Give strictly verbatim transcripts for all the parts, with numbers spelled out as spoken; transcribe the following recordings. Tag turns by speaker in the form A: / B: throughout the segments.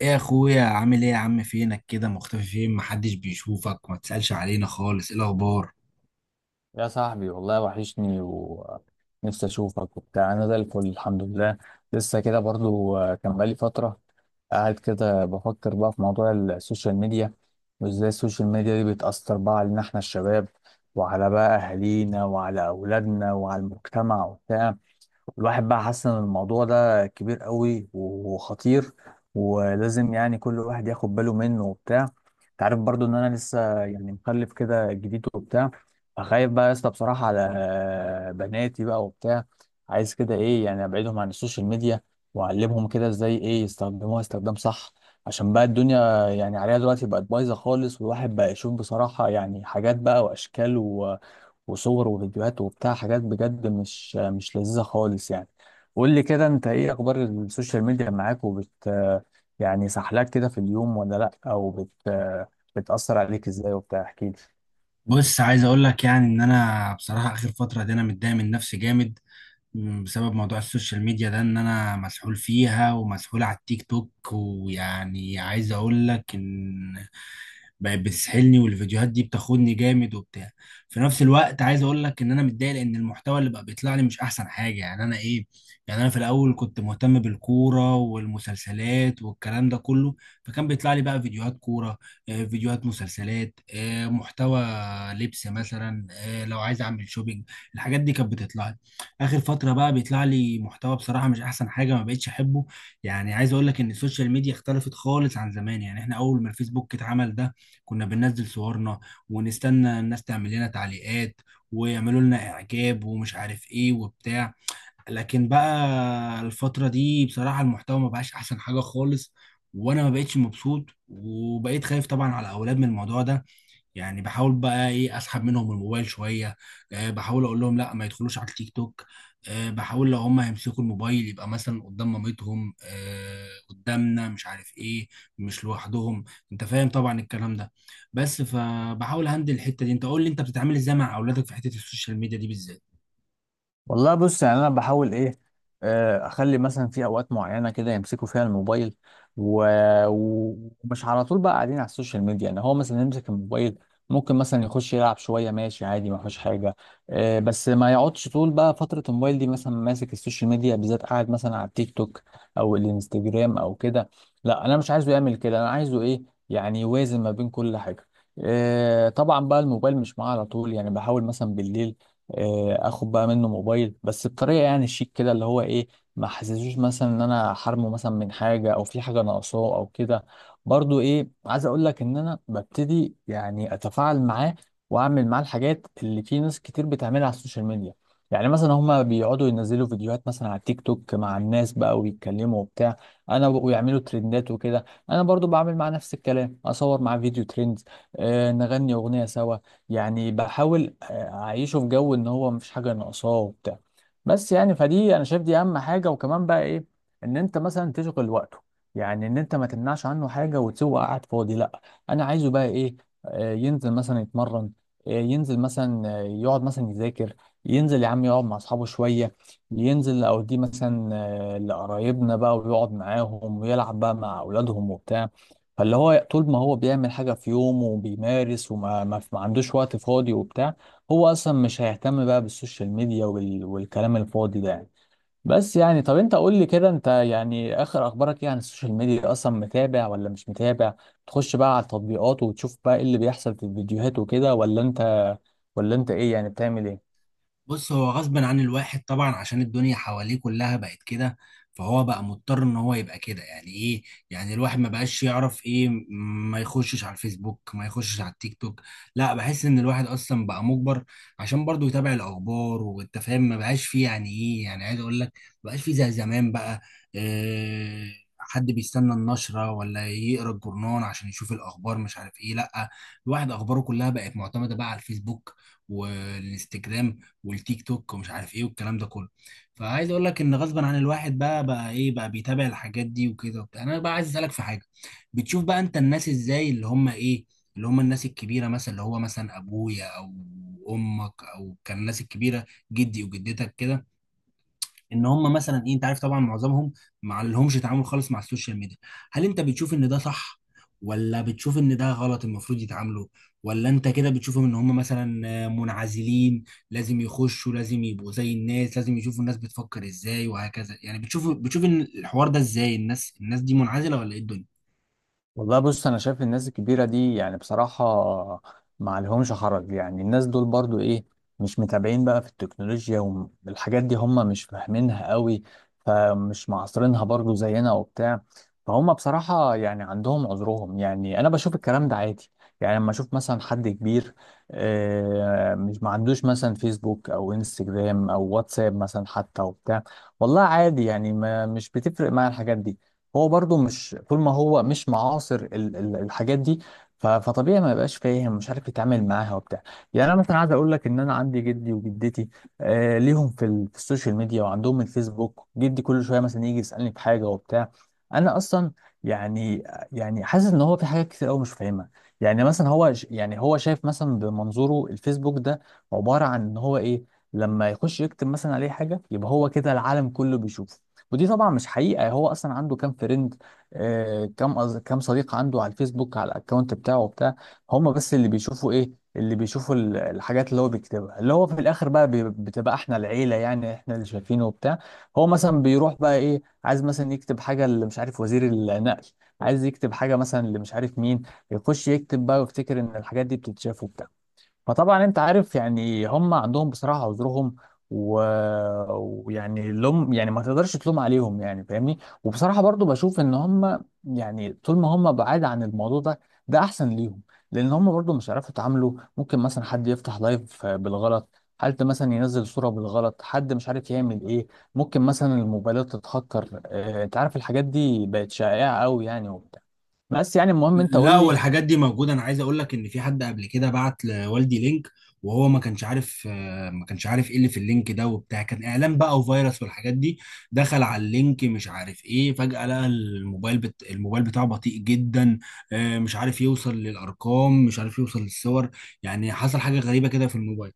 A: ايه يا اخويا، عامل ايه يا عم؟ فينك كده مختفي؟ فين، محدش بيشوفك، ما تسألش علينا خالص. ايه الاخبار؟
B: يا صاحبي والله وحشني ونفسي اشوفك وبتاع، انا زي الفل، الحمد لله. لسه كده برضو، آه، كان بقالي فتره قاعد كده بفكر بقى في موضوع السوشيال ميديا، وازاي السوشيال ميديا دي بتاثر بقى علينا احنا الشباب، وعلى بقى اهالينا وعلى اولادنا وعلى المجتمع وبتاع. الواحد بقى حاسس ان الموضوع ده كبير قوي وخطير، ولازم يعني كل واحد ياخد باله منه وبتاع. انت عارف برضو ان انا لسه يعني مخلف كده جديد وبتاع، فخايف بقى يا اسطى بصراحة على بناتي بقى وبتاع. عايز كده ايه يعني ابعدهم عن السوشيال ميديا، واعلمهم كده ازاي ايه يستخدموها استخدام صح، عشان بقى الدنيا يعني عليها دلوقتي بقت بايظة خالص، والواحد بقى يشوف بصراحة يعني حاجات بقى واشكال وصور وفيديوهات وبتاع، حاجات بجد مش مش لذيذة خالص يعني. قول لي كده انت ايه اخبار السوشيال ميديا معاك، وبت يعني سحلاك كده في اليوم ولا لا، او بت بتأثر عليك ازاي وبتاع، احكي لي.
A: بص، عايز اقول لك يعني ان انا بصراحه اخر فتره دي انا متضايق من نفسي جامد، م، بسبب موضوع السوشيال ميديا ده، ان انا مسحول فيها ومسحول على التيك توك، ويعني عايز اقول لك ان بقت بتسحلني، والفيديوهات دي بتاخدني جامد وبتاع. في نفس الوقت عايز اقول لك ان انا متضايق لان المحتوى اللي بقى بيطلع لي مش احسن حاجه، يعني انا ايه، يعني انا في الاول كنت مهتم بالكوره والمسلسلات والكلام ده كله، فكان بيطلع لي بقى فيديوهات كوره، آه، فيديوهات مسلسلات، آه، محتوى لبس مثلا، آه، لو عايز اعمل شوبينج، الحاجات دي كانت بتطلع لي. اخر فتره بقى بيطلع لي محتوى بصراحه مش احسن حاجه، ما بقتش احبه. يعني عايز اقول لك ان السوشيال ميديا اختلفت خالص عن زمان. يعني احنا اول ما الفيسبوك اتعمل ده كنا بننزل صورنا ونستنى الناس تعمل لنا تعليقات ويعملوا لنا اعجاب ومش عارف ايه وبتاع. لكن بقى الفتره دي بصراحه المحتوى ما بقاش احسن حاجه خالص، وانا ما بقتش مبسوط، وبقيت خايف طبعا على اولاد من الموضوع ده. يعني بحاول بقى ايه اسحب منهم الموبايل شويه، أه بحاول اقول لهم لا ما يدخلوش على التيك توك، أه بحاول لو هم هيمسكوا الموبايل يبقى مثلا قدام مامتهم، أه قدامنا، مش عارف ايه، مش لوحدهم. انت فاهم طبعا الكلام ده. بس فبحاول هندل الحته دي. انت قول لي، انت بتتعامل ازاي مع اولادك في حته السوشيال ميديا دي بالذات؟
B: والله بص، يعني انا بحاول ايه، آه، اخلي مثلا في اوقات معينه كده يمسكوا فيها الموبايل، و... و- ومش على طول بقى قاعدين على السوشيال ميديا. يعني هو مثلا يمسك الموبايل ممكن مثلا يخش يلعب شويه، ماشي عادي ما فيش حاجه. آه، بس ما يقعدش طول بقى فتره الموبايل دي مثلا ماسك السوشيال ميديا بالذات، قاعد مثلا على التيك توك او الانستجرام او كده. لا، انا مش عايزه يعمل كده، انا عايزه ايه يعني يوازن ما بين كل حاجه. آه، طبعا بقى الموبايل مش معاه على طول، يعني بحاول مثلا بالليل آه، اخد بقى منه موبايل، بس بطريقه يعني شيك كده، اللي هو ايه، ما حسسوش مثلا ان انا حرمه مثلا من حاجه او في حاجه ناقصاه او كده. برضو ايه عايز اقول لك ان انا ببتدي يعني اتفاعل معاه، واعمل معاه الحاجات اللي في ناس كتير بتعملها على السوشيال ميديا. يعني مثلا هما بيقعدوا ينزلوا فيديوهات مثلا على التيك توك مع الناس بقى ويتكلموا وبتاع، انا ب- ويعملوا ترندات وكده. انا برضو بعمل مع نفس الكلام، اصور مع فيديو ترند، آه نغني اغنيه سوا. يعني بحاول اعيشه في جو ان هو مفيش حاجه ناقصاه وبتاع. بس يعني فدي انا شايف دي اهم حاجه، وكمان بقى ايه، ان انت مثلا تشغل وقته. يعني ان انت ما تمنعش عنه حاجه وتسيبه قاعد فاضي، لا، انا عايزه بقى ايه، آه، ينزل مثلا يتمرن، آه، ينزل مثلا، آه، يقعد مثلا يذاكر، ينزل يا عم يقعد مع اصحابه شويه، ينزل او دي مثلا آه، لقرايبنا بقى ويقعد معاهم ويلعب بقى مع اولادهم وبتاع. فاللي هو طول ما هو بيعمل حاجه في يومه وبيمارس وما ما ما عندوش وقت فاضي وبتاع، هو اصلا مش هيهتم بقى بالسوشيال ميديا وال... والكلام الفاضي ده يعني. بس يعني طب انت قول لي كده، انت يعني اخر اخبارك ايه عن السوشيال ميديا؟ اصلا متابع ولا مش متابع؟ تخش بقى على التطبيقات وتشوف بقى ايه اللي بيحصل في الفيديوهات وكده، ولا انت ولا انت ايه يعني بتعمل ايه؟
A: بص، هو غصب عن الواحد طبعا عشان الدنيا حواليه كلها بقت كده، فهو بقى مضطر ان هو يبقى كده، يعني ايه، يعني الواحد ما بقاش يعرف ايه، م- ما يخشش على الفيسبوك ما يخشش على التيك توك، لا بحس ان الواحد اصلا بقى مجبر، عشان برضه يتابع الاخبار. والتفاهم ما بقاش فيه، يعني ايه، يعني عايز اقول لك ما بقاش فيه زي زمان بقى. إيه، حد بيستنى النشرة ولا يقرا الجورنال عشان يشوف الأخبار؟ مش عارف إيه، لأ، الواحد أخباره كلها بقت معتمدة بقى على الفيسبوك والإنستجرام والتيك توك ومش عارف ايه والكلام ده كله. فعايز اقول لك ان غصبا عن الواحد بقى بقى ايه، بقى بيتابع الحاجات دي وكده وبتاع. انا بقى عايز اسالك في حاجه. بتشوف بقى انت الناس ازاي، اللي هم ايه، اللي هم الناس الكبيره، مثلا اللي هو مثلا ابويا او امك، او كان الناس الكبيره، جدي وجدتك كده، ان هم مثلا ايه، انت عارف طبعا معظمهم ما لهمش تعامل خالص مع السوشيال ميديا. هل انت بتشوف ان ده صح، ولا بتشوف ان ده غلط المفروض يتعاملوا، ولا انت كده بتشوفهم ان هم مثلا آه، منعزلين، لازم يخشوا، لازم يبقوا زي الناس، لازم يشوفوا الناس بتفكر ازاي وهكذا؟ يعني بتشوف بتشوف ان الحوار ده ازاي، الناس الناس دي منعزلة ولا ايه الدنيا؟
B: والله بص، انا شايف الناس الكبيره دي يعني بصراحه ما عليهمش حرج. يعني الناس دول برضو ايه، مش متابعين بقى في التكنولوجيا، والحاجات دي هم مش فاهمينها قوي، فمش معاصرينها برضو زينا وبتاع. فهم بصراحه يعني عندهم عذرهم، يعني انا بشوف الكلام ده عادي. يعني لما اشوف مثلا حد كبير آه، مش ما عندوش مثلا فيسبوك او انستجرام او واتساب مثلا حتى وبتاع، والله عادي يعني، ما مش بتفرق معايا الحاجات دي. هو برضه مش، طول ما هو مش معاصر ال- ال- الحاجات دي، ف- فطبيعي ما يبقاش فاهم، مش عارف يتعامل معاها وبتاع. يعني انا مثلا عايز اقول لك ان انا عندي جدي وجدتي، آه ليهم في, ال- في السوشيال ميديا وعندهم الفيسبوك. جدي كل شويه مثلا يجي يسالني في حاجه وبتاع. انا اصلا يعني يعني حاسس ان هو في حاجات كتير قوي مش فاهمها. يعني مثلا هو ش- يعني هو شايف مثلا بمنظوره الفيسبوك ده عباره عن ان هو ايه، لما يخش يكتب مثلا عليه حاجه يبقى هو كده العالم كله بيشوفه. ودي طبعا مش حقيقة. هو أصلا عنده كام فريند، آه كام أز... كام صديق عنده على الفيسبوك على الأكونت بتاعه وبتاع. هم بس اللي بيشوفوا إيه، اللي بيشوفوا ال- الحاجات اللي هو بيكتبها، اللي هو في الآخر بقى بي... بتبقى إحنا العيلة، يعني إحنا اللي شايفينه وبتاع. هو مثلا بيروح بقى إيه عايز مثلا يكتب حاجة اللي مش عارف وزير النقل، عايز يكتب حاجة مثلا اللي مش عارف مين، يخش يكتب بقى ويفتكر إن الحاجات دي بتتشاف وبتاع. فطبعا انت عارف يعني هم عندهم بصراحه عذرهم، و... ويعني لوم، يعني ما تقدرش تلوم عليهم يعني، فاهمني. وبصراحه برضو بشوف ان هم يعني طول ما هم بعاد عن الموضوع ده، ده احسن ليهم، لان هم برضو مش عارفوا يتعاملوا. ممكن مثلا حد يفتح لايف بالغلط، حد مثلا ينزل صوره بالغلط، حد مش عارف يعمل ايه، ممكن مثلا الموبايلات تتهكر. آه، انت عارف الحاجات دي بقت شائعه قوي يعني وبتاع. بس يعني المهم انت قول
A: لا،
B: لي.
A: والحاجات دي موجودة. أنا عايز أقول لك إن في حد قبل كده بعت لوالدي لينك، وهو ما كانش عارف، آه، ما كانش عارف إيه اللي في اللينك ده وبتاع، كان إعلان بقى وفيروس والحاجات دي. دخل على اللينك مش عارف إيه، فجأة لقى الموبايل بت... الموبايل بتاعه بطيء جدا، آه، مش عارف يوصل للأرقام، مش عارف يوصل للصور، يعني حصل حاجة غريبة كده في الموبايل.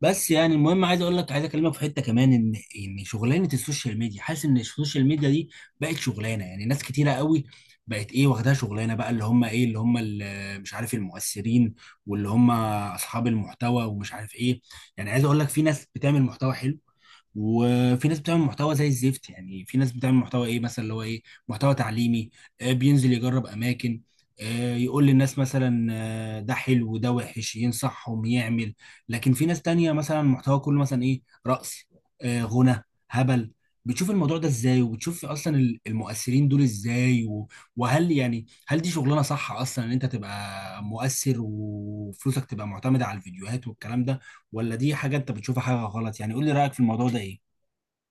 A: بس يعني المهم عايز اقول لك، عايز اكلمك في حته كمان، ان ان شغلانه السوشيال ميديا، حاسس ان السوشيال ميديا دي بقت شغلانه يعني ناس كتيره قوي، بقت ايه واخدها شغلانه بقى، اللي هم ايه، اللي هم اللي مش عارف المؤثرين، واللي هم اصحاب المحتوى ومش عارف ايه. يعني عايز اقول لك، في ناس بتعمل محتوى حلو، وفي ناس بتعمل محتوى زي الزفت. يعني في ناس بتعمل محتوى ايه، مثلا اللي هو ايه، محتوى تعليمي، آه، بينزل يجرب اماكن، آه، يقول للناس مثلا، آه، ده حلو ده وحش، ينصحهم يعمل. لكن في ناس تانية مثلا محتوى كله مثلا ايه، رقص، آه، غنى، هبل. بتشوف الموضوع ده ازاي، وبتشوف اصلا ال- المؤثرين دول ازاي، و- وهل يعني هل دي شغلانة صح اصلا، ان انت تبقى مؤثر وفلوسك تبقى معتمدة على الفيديوهات والكلام ده، ولا دي حاجة انت بتشوفها حاجة غلط؟ يعني قول لي رأيك في الموضوع ده ايه؟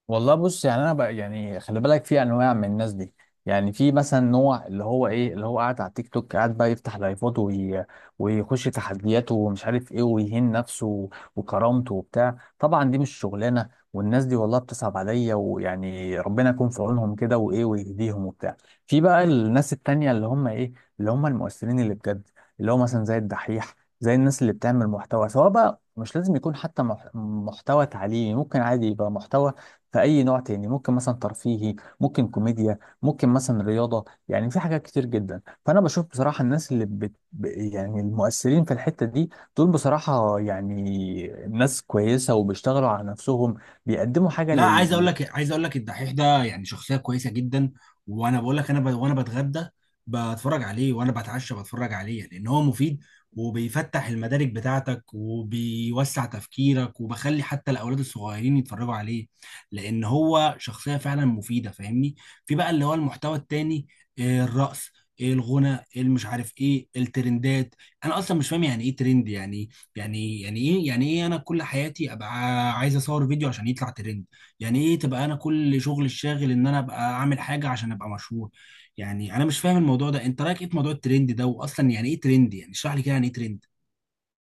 B: والله بص، يعني انا بقى يعني خلي بالك في انواع من الناس دي. يعني في مثلا نوع اللي هو ايه، اللي هو قاعد على التيك توك، قاعد بقى يفتح لايفات وي... ويخش تحديات ومش عارف ايه، ويهين نفسه وكرامته وبتاع. طبعا دي مش شغلانه، والناس دي والله بتصعب عليا، ويعني ربنا يكون في عونهم كده وايه ويهديهم وبتاع. في بقى الناس التانية اللي هم ايه، اللي هم المؤثرين اللي بجد، اللي هو مثلا زي الدحيح، زي الناس اللي بتعمل محتوى، سواء بقى مش لازم يكون حتى مح- محتوى تعليمي، ممكن عادي يبقى محتوى في اي نوع تاني، ممكن مثلا ترفيهي، ممكن كوميديا، ممكن مثلا رياضه، يعني في حاجات كتير جدا. فانا بشوف بصراحه الناس اللي بت... ب- يعني المؤثرين في الحته دي، دول بصراحه يعني ناس كويسه وبيشتغلوا على نفسهم، بيقدموا حاجه
A: لا، عايز اقول
B: لل...
A: لك، عايز اقول لك الدحيح ده يعني شخصيه كويسه جدا. وانا بقول لك، انا ب... وانا بتغدى بتفرج عليه، وانا بتعشى بتفرج عليه، لان هو مفيد وبيفتح المدارك بتاعتك وبيوسع تفكيرك، وبخلي حتى الاولاد الصغيرين يتفرجوا عليه، لان هو شخصيه فعلا مفيده، فاهمني. في بقى اللي هو المحتوى التاني، آه، الرقص، إيه الغنى، إيه المش عارف ايه، الترندات. انا اصلا مش فاهم يعني ايه ترند، يعني يعني يعني ايه، يعني ايه، انا كل حياتي ابقى عايز اصور فيديو عشان يطلع ترند؟ يعني ايه تبقى انا كل شغل الشاغل ان انا ابقى اعمل حاجه عشان ابقى مشهور؟ يعني انا مش فاهم الموضوع ده. انت رايك ايه في موضوع الترند ده، واصلا يعني ايه ترند؟ يعني اشرح لي كده يعني ايه ترند؟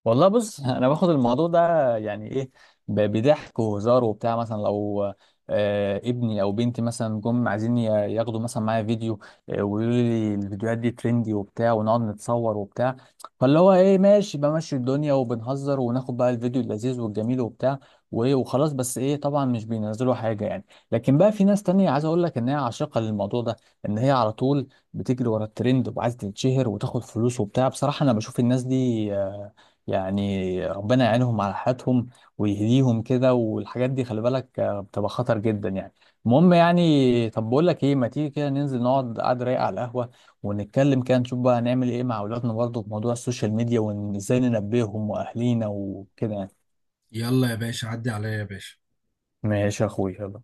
B: والله بص، انا باخد الموضوع ده يعني ايه، ب- بضحك وهزار وبتاع، مثلا لو آه ابني او بنتي مثلا جم عايزين ي- ياخدوا مثلا معايا فيديو، آه، ويقولوا لي الفيديوهات دي ترندي وبتاع، ونقعد نتصور وبتاع، فاللي هو ايه ماشي بمشي الدنيا وبنهزر وناخد بقى الفيديو اللذيذ والجميل وبتاع، وايه وخلاص. بس ايه طبعا مش بينزلوا حاجه يعني. لكن بقى في ناس تانية عايز اقول لك ان هي عاشقه للموضوع ده، ان هي على طول بتجري ورا الترند وعايزه تتشهر وتاخد فلوس وبتاع. بصراحه انا بشوف الناس دي، آه، يعني ربنا يعينهم على حياتهم ويهديهم كده. والحاجات دي خلي بالك آه، بتبقى خطر جدا يعني. المهم يعني، طب بقول لك ايه، ما تيجي كده ننزل نقعد قعدة رايقة على القهوة، ونتكلم كده نشوف بقى هنعمل ايه مع اولادنا برضه في موضوع السوشيال ميديا وازاي ننبههم واهلينا وكده يعني.
A: يلا يا باشا، عدي عليا يا باشا.
B: ماشي يا اخويا، يلا.